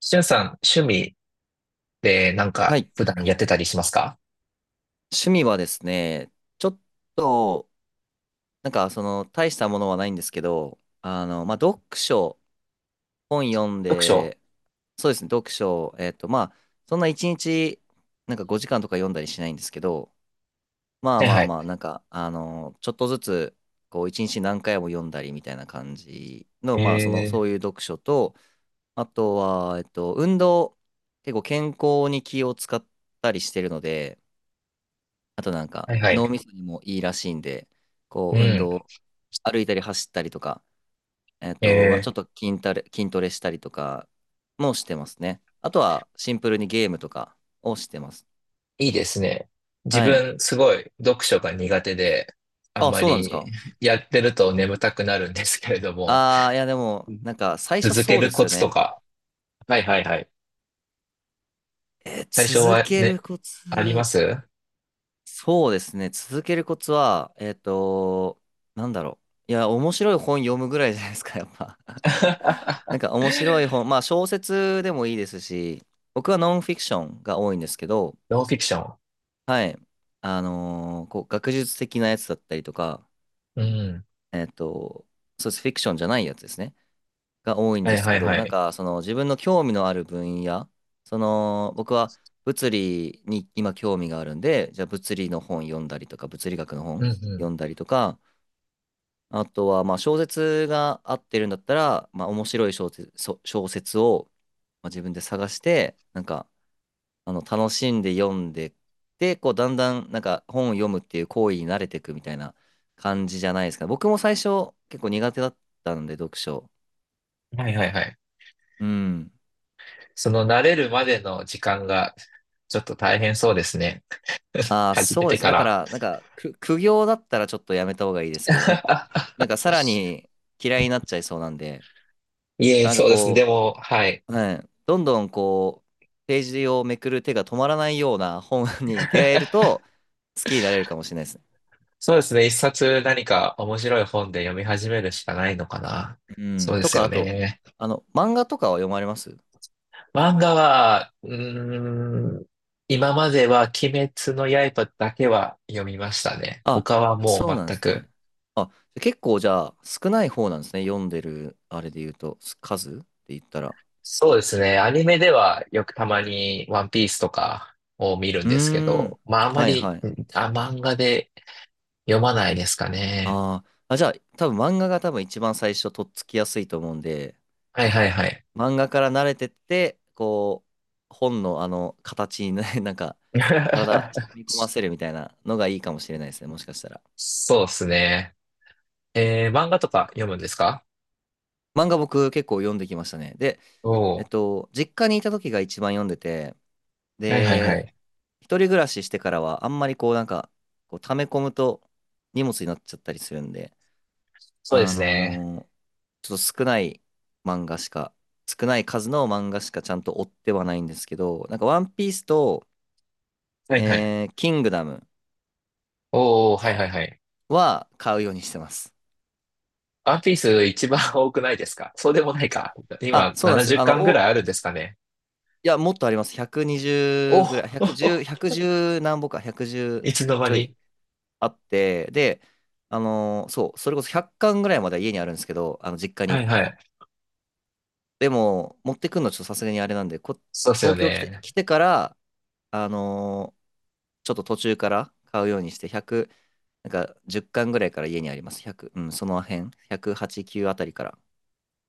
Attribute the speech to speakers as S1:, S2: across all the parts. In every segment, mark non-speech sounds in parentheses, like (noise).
S1: しゅんさん、趣味で
S2: はい。
S1: 普段やってたりしますか？
S2: 趣味はですね、ちょっと、なんかその、大したものはないんですけど、まあ、読書、本読ん
S1: 読書。
S2: で、そうですね、読書、まあ、そんな1日、なんか5時間とか読んだりしないんですけど、まあ
S1: はい
S2: ま
S1: は
S2: あ
S1: い。
S2: まあ、なんか、ちょっとずつ、こう、1日何回も読んだりみたいな感じの、まあ、その、そうい
S1: え
S2: う読書と、あとは、運動、結構健康に気を使ったりしてるので、あとなん
S1: ー、
S2: か
S1: はいは
S2: 脳
S1: い。
S2: みそにもいいらしいんで、
S1: う
S2: こう運
S1: ん。
S2: 動、歩いたり走ったりとか、まあ、ち
S1: え
S2: ょっと筋トレしたりとかもしてますね。あとはシンプルにゲームとかをしてます。
S1: ー、いいですね。自
S2: はい。
S1: 分すごい読書が苦手で、あん
S2: あ、
S1: ま
S2: そうなんです
S1: り
S2: か？
S1: やってると眠たくなるんですけれども、
S2: ああいやで
S1: う
S2: も、
S1: ん、
S2: なんか最初
S1: 続け
S2: そうで
S1: るコ
S2: すよ
S1: ツと
S2: ね。
S1: か。はいはいはい。最初
S2: 続
S1: は
S2: ける
S1: ね、
S2: コ
S1: ありま
S2: ツ。
S1: す？
S2: そうですね。続けるコツは、なんだろう。いや、面白い本読むぐらいじゃないですか、やっぱ。(laughs)
S1: (laughs)
S2: なんか面白い本、まあ小説でもいいですし、僕はノンフィクションが多いんですけど、
S1: ノンフィクショ
S2: はい。こう、学術的なやつだったりとか、
S1: ン。うん。
S2: えっと、そうです。フィクションじゃないやつですね。が多いん
S1: は
S2: で
S1: い
S2: す
S1: は
S2: け
S1: い
S2: ど、
S1: は
S2: なん
S1: い。
S2: かその自分の興味のある分野、その僕は物理に今興味があるんで、じゃあ物理の本読んだりとか、物理学の
S1: う
S2: 本
S1: んう
S2: 読んだりとか、あとはまあ小説が合ってるんだったら、まあ面白い小説、小説をまあ自分で探して、なんか楽しんで読んで、で、こうだんだんなんか本を読むっていう行為に慣れていくみたいな感じじゃないですか。僕も最初結構苦手だったんで、読書。
S1: ん。はいはいはい。
S2: うん。
S1: その慣れるまでの時間がちょっと大変そうですね。(laughs)
S2: ああ、
S1: 始め
S2: そうで
S1: て
S2: す。
S1: か
S2: だか
S1: ら。
S2: ら、なんか、苦行だったらちょっとやめた方がいいですけどね。なんか、さら
S1: (laughs)
S2: に嫌いになっちゃいそうなんで、
S1: いえ、
S2: なんか
S1: そうですね。で
S2: こ
S1: も、はい。
S2: う、はい、どんどんこう、ページをめくる手が止まらないような本 (laughs) に出会えると、好きになれるかもしれないですね。
S1: そうですね。一冊何か面白い本で読み始めるしかないのかな。
S2: う
S1: そ
S2: ん。
S1: うで
S2: と
S1: す
S2: か、
S1: よ
S2: あと、
S1: ね。
S2: 漫画とかは読まれます？
S1: 漫画は、今までは鬼滅の刃だけは読みましたね。
S2: あ、
S1: 他はも
S2: そう
S1: う
S2: なんで
S1: 全
S2: す
S1: く。
S2: ね。あ、結構じゃあ、少ない方なんですね。読んでる、あれで言うと、数って言ったら。
S1: そうですね。アニメではよくたまにワンピースとかを見るん
S2: う
S1: ですけ
S2: ー
S1: ど、
S2: ん。
S1: まああんま
S2: はい
S1: り、
S2: は
S1: ん、
S2: い。
S1: あ、漫画で読まないですかね。
S2: あーあ、じゃあ、多分漫画が多分一番最初とっつきやすいと思うんで、
S1: はいはいはい。
S2: 漫画から慣れてって、こう、本の形にね、(laughs) なんか、体、染
S1: (laughs)
S2: み込ませるみたいなのがいいかもしれないですね、もしかしたら。
S1: そうですね。えー、漫画とか読むんですか？
S2: 漫画僕結構読んできましたね。で、
S1: おお
S2: 実家にいた時が一番読んでて、
S1: ー、はいはいは
S2: で、
S1: い。
S2: 一人暮らししてからはあんまりこうなんか、こう溜め込むと荷物になっちゃったりするんで、
S1: そうで
S2: あ
S1: すね。
S2: のーちょっと少ない漫画しか、少ない数の漫画しかちゃんと追ってはないんですけど、なんかワンピースと、
S1: はいはい。
S2: キングダム
S1: おお、はいはいはい。
S2: は買うようにしてます。
S1: ワンピース一番多くないですか？そうでもないか。
S2: あ、
S1: 今
S2: そうなんです
S1: 70
S2: よ。
S1: 巻ぐらいあるんですかね。
S2: いや、もっとあります。
S1: お
S2: 120ぐらい、110、
S1: お、
S2: 1何本か、
S1: (laughs) い
S2: 110
S1: つの間
S2: ちょ
S1: に。
S2: いあって、で、そう、それこそ100巻ぐらいまでは家にあるんですけど、あの、実家
S1: は
S2: に。
S1: いはい。
S2: でも、持ってくんのちょっとさすがにあれなんで、
S1: そうですよ
S2: 東京来て、
S1: ね。
S2: 来てから、あのーちょっと途中から買うようにして、100、なんか10巻ぐらいから家にあります。100、うん、その辺、108、9あたりから。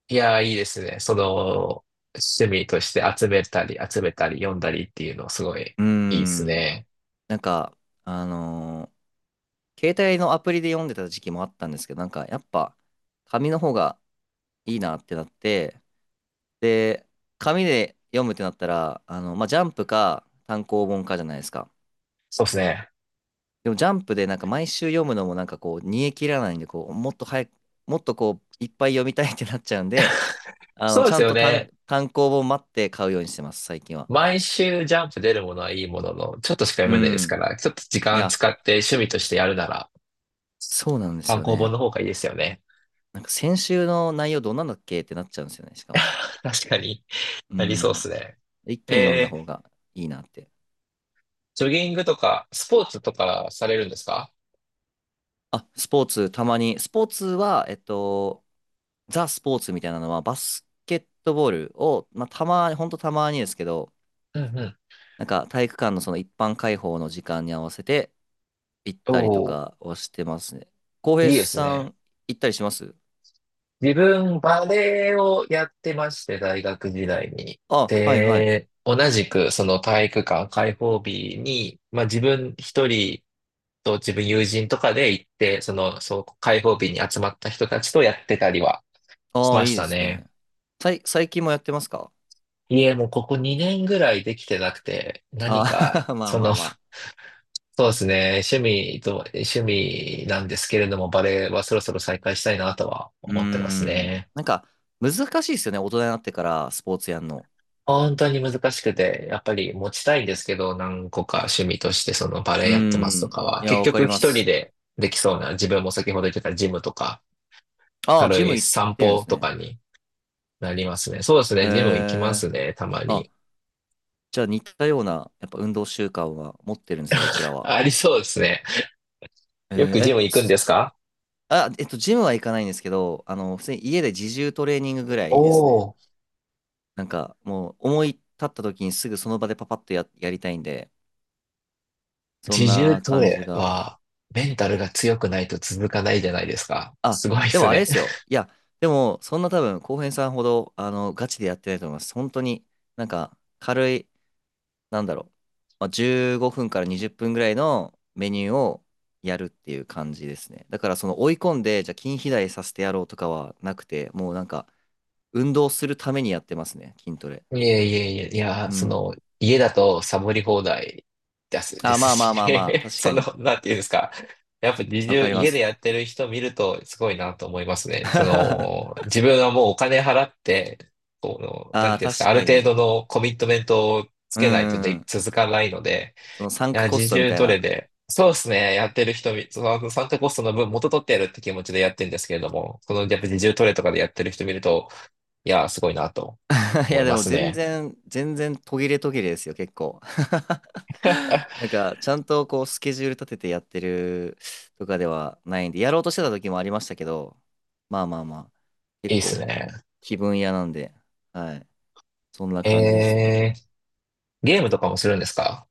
S1: いやー、いいですね。趣味として集めたり、読んだりっていうの、すごい
S2: うー
S1: いいです
S2: ん、
S1: ね。
S2: なんか、あのー携帯のアプリで読んでた時期もあったんですけど、なんかやっぱ紙の方がいいなってなって、で、紙で読むってなったら、まあ、ジャンプか単行本かじゃないですか。
S1: そうですね。
S2: でもジャンプでなんか毎週読むのもなんかこう、煮え切らないんで、こう、もっと早く、もっとこう、いっぱい読みたいってなっちゃうんで、
S1: そうで
S2: ちゃ
S1: す
S2: ん
S1: よ
S2: と
S1: ね。
S2: 単行本待って買うようにしてます、最近は。
S1: 毎週ジャンプ出るものはいいものの、ちょっとしか読
S2: う
S1: めないですか
S2: ん。
S1: ら、ちょっと時
S2: い
S1: 間
S2: や、
S1: 使って趣味としてやるなら、
S2: そうなんです
S1: 単
S2: よ
S1: 行本
S2: ね。
S1: の方がいいですよね。
S2: なんか先週の内容どんなんだっけってなっちゃうんですよね、しかも。
S1: (laughs) 確かに。
S2: う
S1: ありそうです
S2: ん。
S1: ね。
S2: 一気に読んだ
S1: え
S2: 方
S1: ー、
S2: がいいなって。
S1: ジョギングとか、スポーツとかされるんですか？
S2: あ、スポーツ、たまに。スポーツは、ザ・スポーツみたいなのは、バスケットボールを、まあ、たまに、ほんとたまにですけど、
S1: うんうん。
S2: なんか体育館のその一般開放の時間に合わせて行ったりと
S1: おー、
S2: かをしてますね。浩平
S1: いいです
S2: さ
S1: ね。
S2: ん、行ったりします？
S1: 自分、バレエをやってまして、大学時代に。
S2: あ、はいはい。
S1: で、同じく、その体育館開放日に、まあ自分一人と自分友人とかで行って、開放日に集まった人たちとやってたりはし
S2: ああ、
S1: ま
S2: い
S1: し
S2: いで
S1: た
S2: す
S1: ね。
S2: ね。最近もやってますか？
S1: いえ、もうここ2年ぐらいできてなくて、何
S2: あ
S1: か、
S2: あ、(laughs) まあ
S1: そ
S2: ま
S1: の、
S2: あまあ。
S1: (laughs) そうですね、趣味なんですけれども、バレエはそろそろ再開したいなとは
S2: うー
S1: 思ってます
S2: ん。
S1: ね。
S2: なんか、難しいですよね。大人になってから、スポーツやんの。
S1: 本当に難しくて、やっぱり持ちたいんですけど、何個か趣味としてそのバ
S2: う
S1: レ
S2: ー
S1: エやってますと
S2: ん。
S1: かは、
S2: いや、
S1: 結
S2: わか
S1: 局
S2: り
S1: 一
S2: ま
S1: 人
S2: す。
S1: でできそうな、自分も先ほど言ってたジムとか、
S2: ああ、ジ
S1: 軽
S2: ム
S1: い
S2: 行っ
S1: 散
S2: てるんで
S1: 歩
S2: す
S1: と
S2: ね。
S1: かになりますね。そうです
S2: え
S1: ね、ジム行きま
S2: え。
S1: すね、たま
S2: あ、
S1: に。
S2: じゃあ似たような、やっぱ運動習慣は持ってるんですね、僕らは。
S1: ありそうですね。
S2: え
S1: よく
S2: ー、
S1: ジ
S2: え、
S1: ム行くんで
S2: す
S1: すか？
S2: あ、ジムは行かないんですけど、普通に家で自重トレーニングぐらいです
S1: お
S2: ね。
S1: おー、
S2: なんか、もう、思い立った時にすぐその場でパパッとやりたいんで、そん
S1: 自重
S2: な
S1: ト
S2: 感じ
S1: レ
S2: が。
S1: はメンタルが強くないと続かないじゃないですか。
S2: あ、
S1: すごいで
S2: で
S1: す
S2: もあれで
S1: ね。
S2: すよ。いや、でも、そんな多分、浩平さんほど、ガチでやってないと思います。本当に、なんか、軽い、なんだろう、まあ、15分から20分ぐらいのメニューをやるっていう感じですね。だから、その追い込んで、じゃあ筋肥大させてやろうとかはなくて、もうなんか、運動するためにやってますね、筋トレ。
S1: いやいやいや、いや、
S2: う
S1: そ
S2: ん。
S1: の、家だとサボり放題です、(laughs) で
S2: あ、
S1: す
S2: まあま
S1: し
S2: あまあまあ、
S1: ね。(laughs)
S2: 確
S1: そ
S2: か
S1: の、
S2: に、
S1: なんていうんですか。やっぱ自
S2: わ
S1: 重、
S2: かりま
S1: 家でや
S2: す。
S1: ってる人見るとすごいなと思いますね。そ
S2: (laughs)
S1: の、自分はもうお金払って、この、な
S2: あ
S1: ん
S2: あ、
S1: ていうんですか、
S2: 確
S1: ある
S2: か
S1: 程度
S2: に。
S1: のコミットメントをつ
S2: うん
S1: けないと
S2: うんう
S1: で、
S2: ん。
S1: 続かないので、
S2: そのサンクコ
S1: 自
S2: ストみ
S1: 重
S2: たい
S1: どれ
S2: な。
S1: で、そうですね、やってる人見、その、サンタコストの分元取ってやるって気持ちでやってるんですけれども、やっぱ自重トレとかでやってる人見ると、いや、すごいなと
S2: (laughs) い
S1: 思
S2: や、
S1: い
S2: で
S1: ま
S2: も
S1: す
S2: 全
S1: ね。
S2: 然、全然途切れ途切れですよ、結構。(laughs) なんか、ちゃんとこう、スケジュール立ててやってるとかではないんで、やろうとしてた時もありましたけど、まあまあまあ、
S1: い
S2: 結
S1: いっす
S2: 構、
S1: ね。
S2: 気分屋なんで、はい。そんな感じですね。
S1: えー、ゲームとかもするんですか？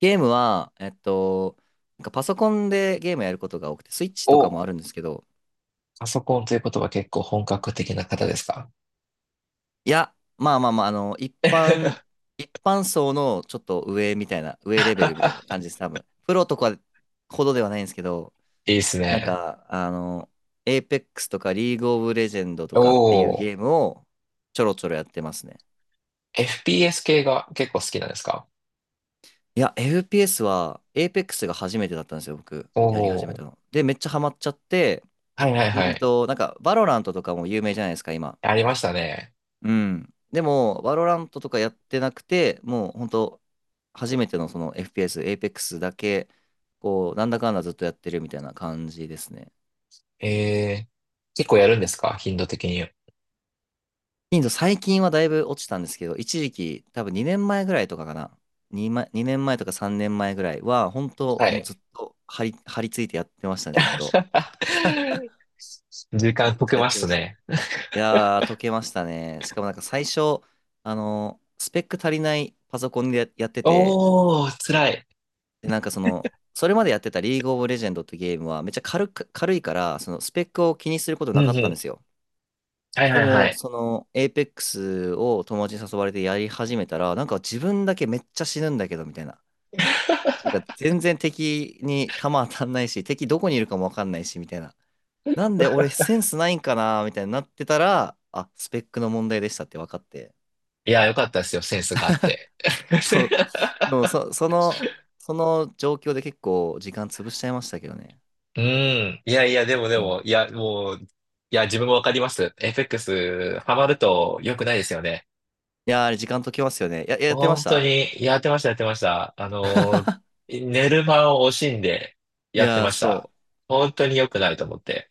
S2: ゲームは、なんかパソコンでゲームやることが多くて、スイッチとか
S1: お、
S2: もあるんですけど、
S1: パソコンということは結構本格的な方ですか？
S2: いや、まあまあまあ、一般層のちょっと上みたいな、上レベルみたいな感じです、多分。プロとかほどではないんですけど、
S1: いいっす
S2: なん
S1: ね。
S2: か、エイペックスとかリーグオブレジェンドとかっていう
S1: おー、
S2: ゲームをちょろちょろやってますね。
S1: FPS 系が結構好きなんですか？
S2: いや、FPS は、エイペックスが初めてだったんですよ、僕。
S1: お
S2: やり始め
S1: ー、
S2: たの。で、めっちゃハマっちゃって、
S1: はいはいはい。
S2: なんか、バロラントとかも有名じゃないですか、今。
S1: ありましたね。
S2: うん。でも、バロラントとかやってなくて、もう本当初めてのその FPS、Apex だけ、こう、なんだかんだずっとやってるみたいな感じですね。
S1: えー、結構やるんですか？頻度的に。
S2: 頻度最近はだいぶ落ちたんですけど、一時期、多分2年前ぐらいとかかな。2、2年前とか3年前ぐらいは、本当
S1: は
S2: もう
S1: い。
S2: ずっと張り付いてやってましたね、ずっ
S1: (laughs)
S2: と。
S1: 時
S2: め
S1: 間
S2: っ
S1: 解
S2: ち
S1: け
S2: ゃやっ
S1: ま
S2: てま
S1: す
S2: した。い
S1: ね。
S2: やー、解けましたね。しかもなんか最初、スペック足りないパソコンでやってて、
S1: おー、辛い。
S2: で、なんかその、それまでやってたリーグオブレジェンドってゲームはめっちゃ軽く、軽いから、そのスペックを気にすること
S1: う
S2: な
S1: んう
S2: かったんで
S1: ん。
S2: すよ。
S1: はい
S2: で
S1: はいは
S2: も、
S1: い。
S2: その、エイペックスを友達に誘われてやり始めたら、なんか自分だけめっちゃ死ぬんだけど、みたいな。なんか全然敵に弾当たんないし、敵どこにいるかもわかんないし、みたいな。なんで俺センスないんかな、みたいになってたら、あ、スペックの問題でしたって分かって。
S1: いや、よかったですよ。センスがあって。
S2: でも、でも
S1: (laughs)
S2: そ、その、その状況で結構時間潰しちゃいましたけどね。
S1: うん。いやいや、でもで
S2: うん。
S1: も、いや、もう、いや、自分もわかります。FX、ハマると良くないですよね。
S2: いやー、あれ時間解きますよね。やってま
S1: 本
S2: し
S1: 当
S2: た？
S1: に、やってました。あのー、寝る間を惜しんで
S2: い
S1: やって
S2: やー、
S1: ました。
S2: そう。
S1: 本当に良くないと思って。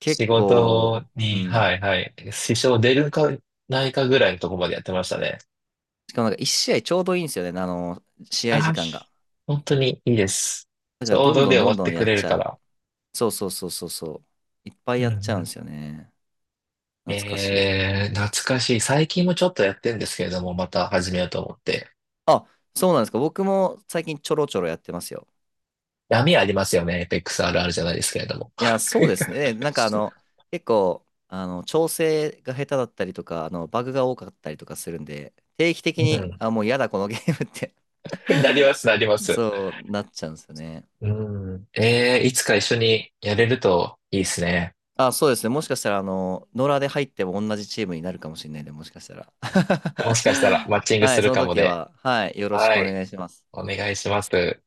S2: 結
S1: 仕
S2: 構、
S1: 事
S2: う
S1: に、
S2: ん。
S1: はいはい、支障出るかないかぐらいのところまでやってましたね。
S2: しかもなんか一試合ちょうどいいんですよね。試合
S1: あ
S2: 時間
S1: ー、
S2: が。
S1: 本当にいいです。
S2: だか
S1: ち
S2: ら
S1: ょう
S2: どん
S1: ど
S2: ど
S1: で
S2: ん
S1: 終
S2: ど
S1: わ
S2: ん
S1: っ
S2: ど
S1: て
S2: ん
S1: く
S2: やっ
S1: れる
S2: ち
S1: か
S2: ゃう。
S1: ら。
S2: そうそうそうそうそう。いっぱい
S1: う
S2: や
S1: ん
S2: っちゃ
S1: う
S2: うんで
S1: ん、
S2: すよね。懐かしい。
S1: えー、懐かしい。最近もちょっとやってんですけれども、また始めようと思って。
S2: あ、そうなんですか。僕も最近ちょろちょろやってますよ。
S1: 闇ありますよね。エペックスあるあるじゃないですけれども。
S2: いやそうですね。なんか
S1: (laughs)
S2: 結構、調整が下手だったりとか、バグが多かったりとかするんで、定期的に、
S1: う
S2: あ、もう嫌だ、このゲームって
S1: ん。(laughs) なります、なりま
S2: (laughs)
S1: す。
S2: そうなっちゃうんですよね。
S1: うん。えー、いつか一緒にやれるといいですね。
S2: あ、そうですね。もしかしたら、野良で入っても同じチームになるかもしれないんで、もしかしたら。
S1: もしかしたらマッチ
S2: (laughs)
S1: ング
S2: は
S1: す
S2: い、
S1: る
S2: その
S1: かも
S2: 時
S1: で。
S2: は、はい、よろし
S1: は
S2: くお
S1: い。
S2: 願いします。
S1: お願いします。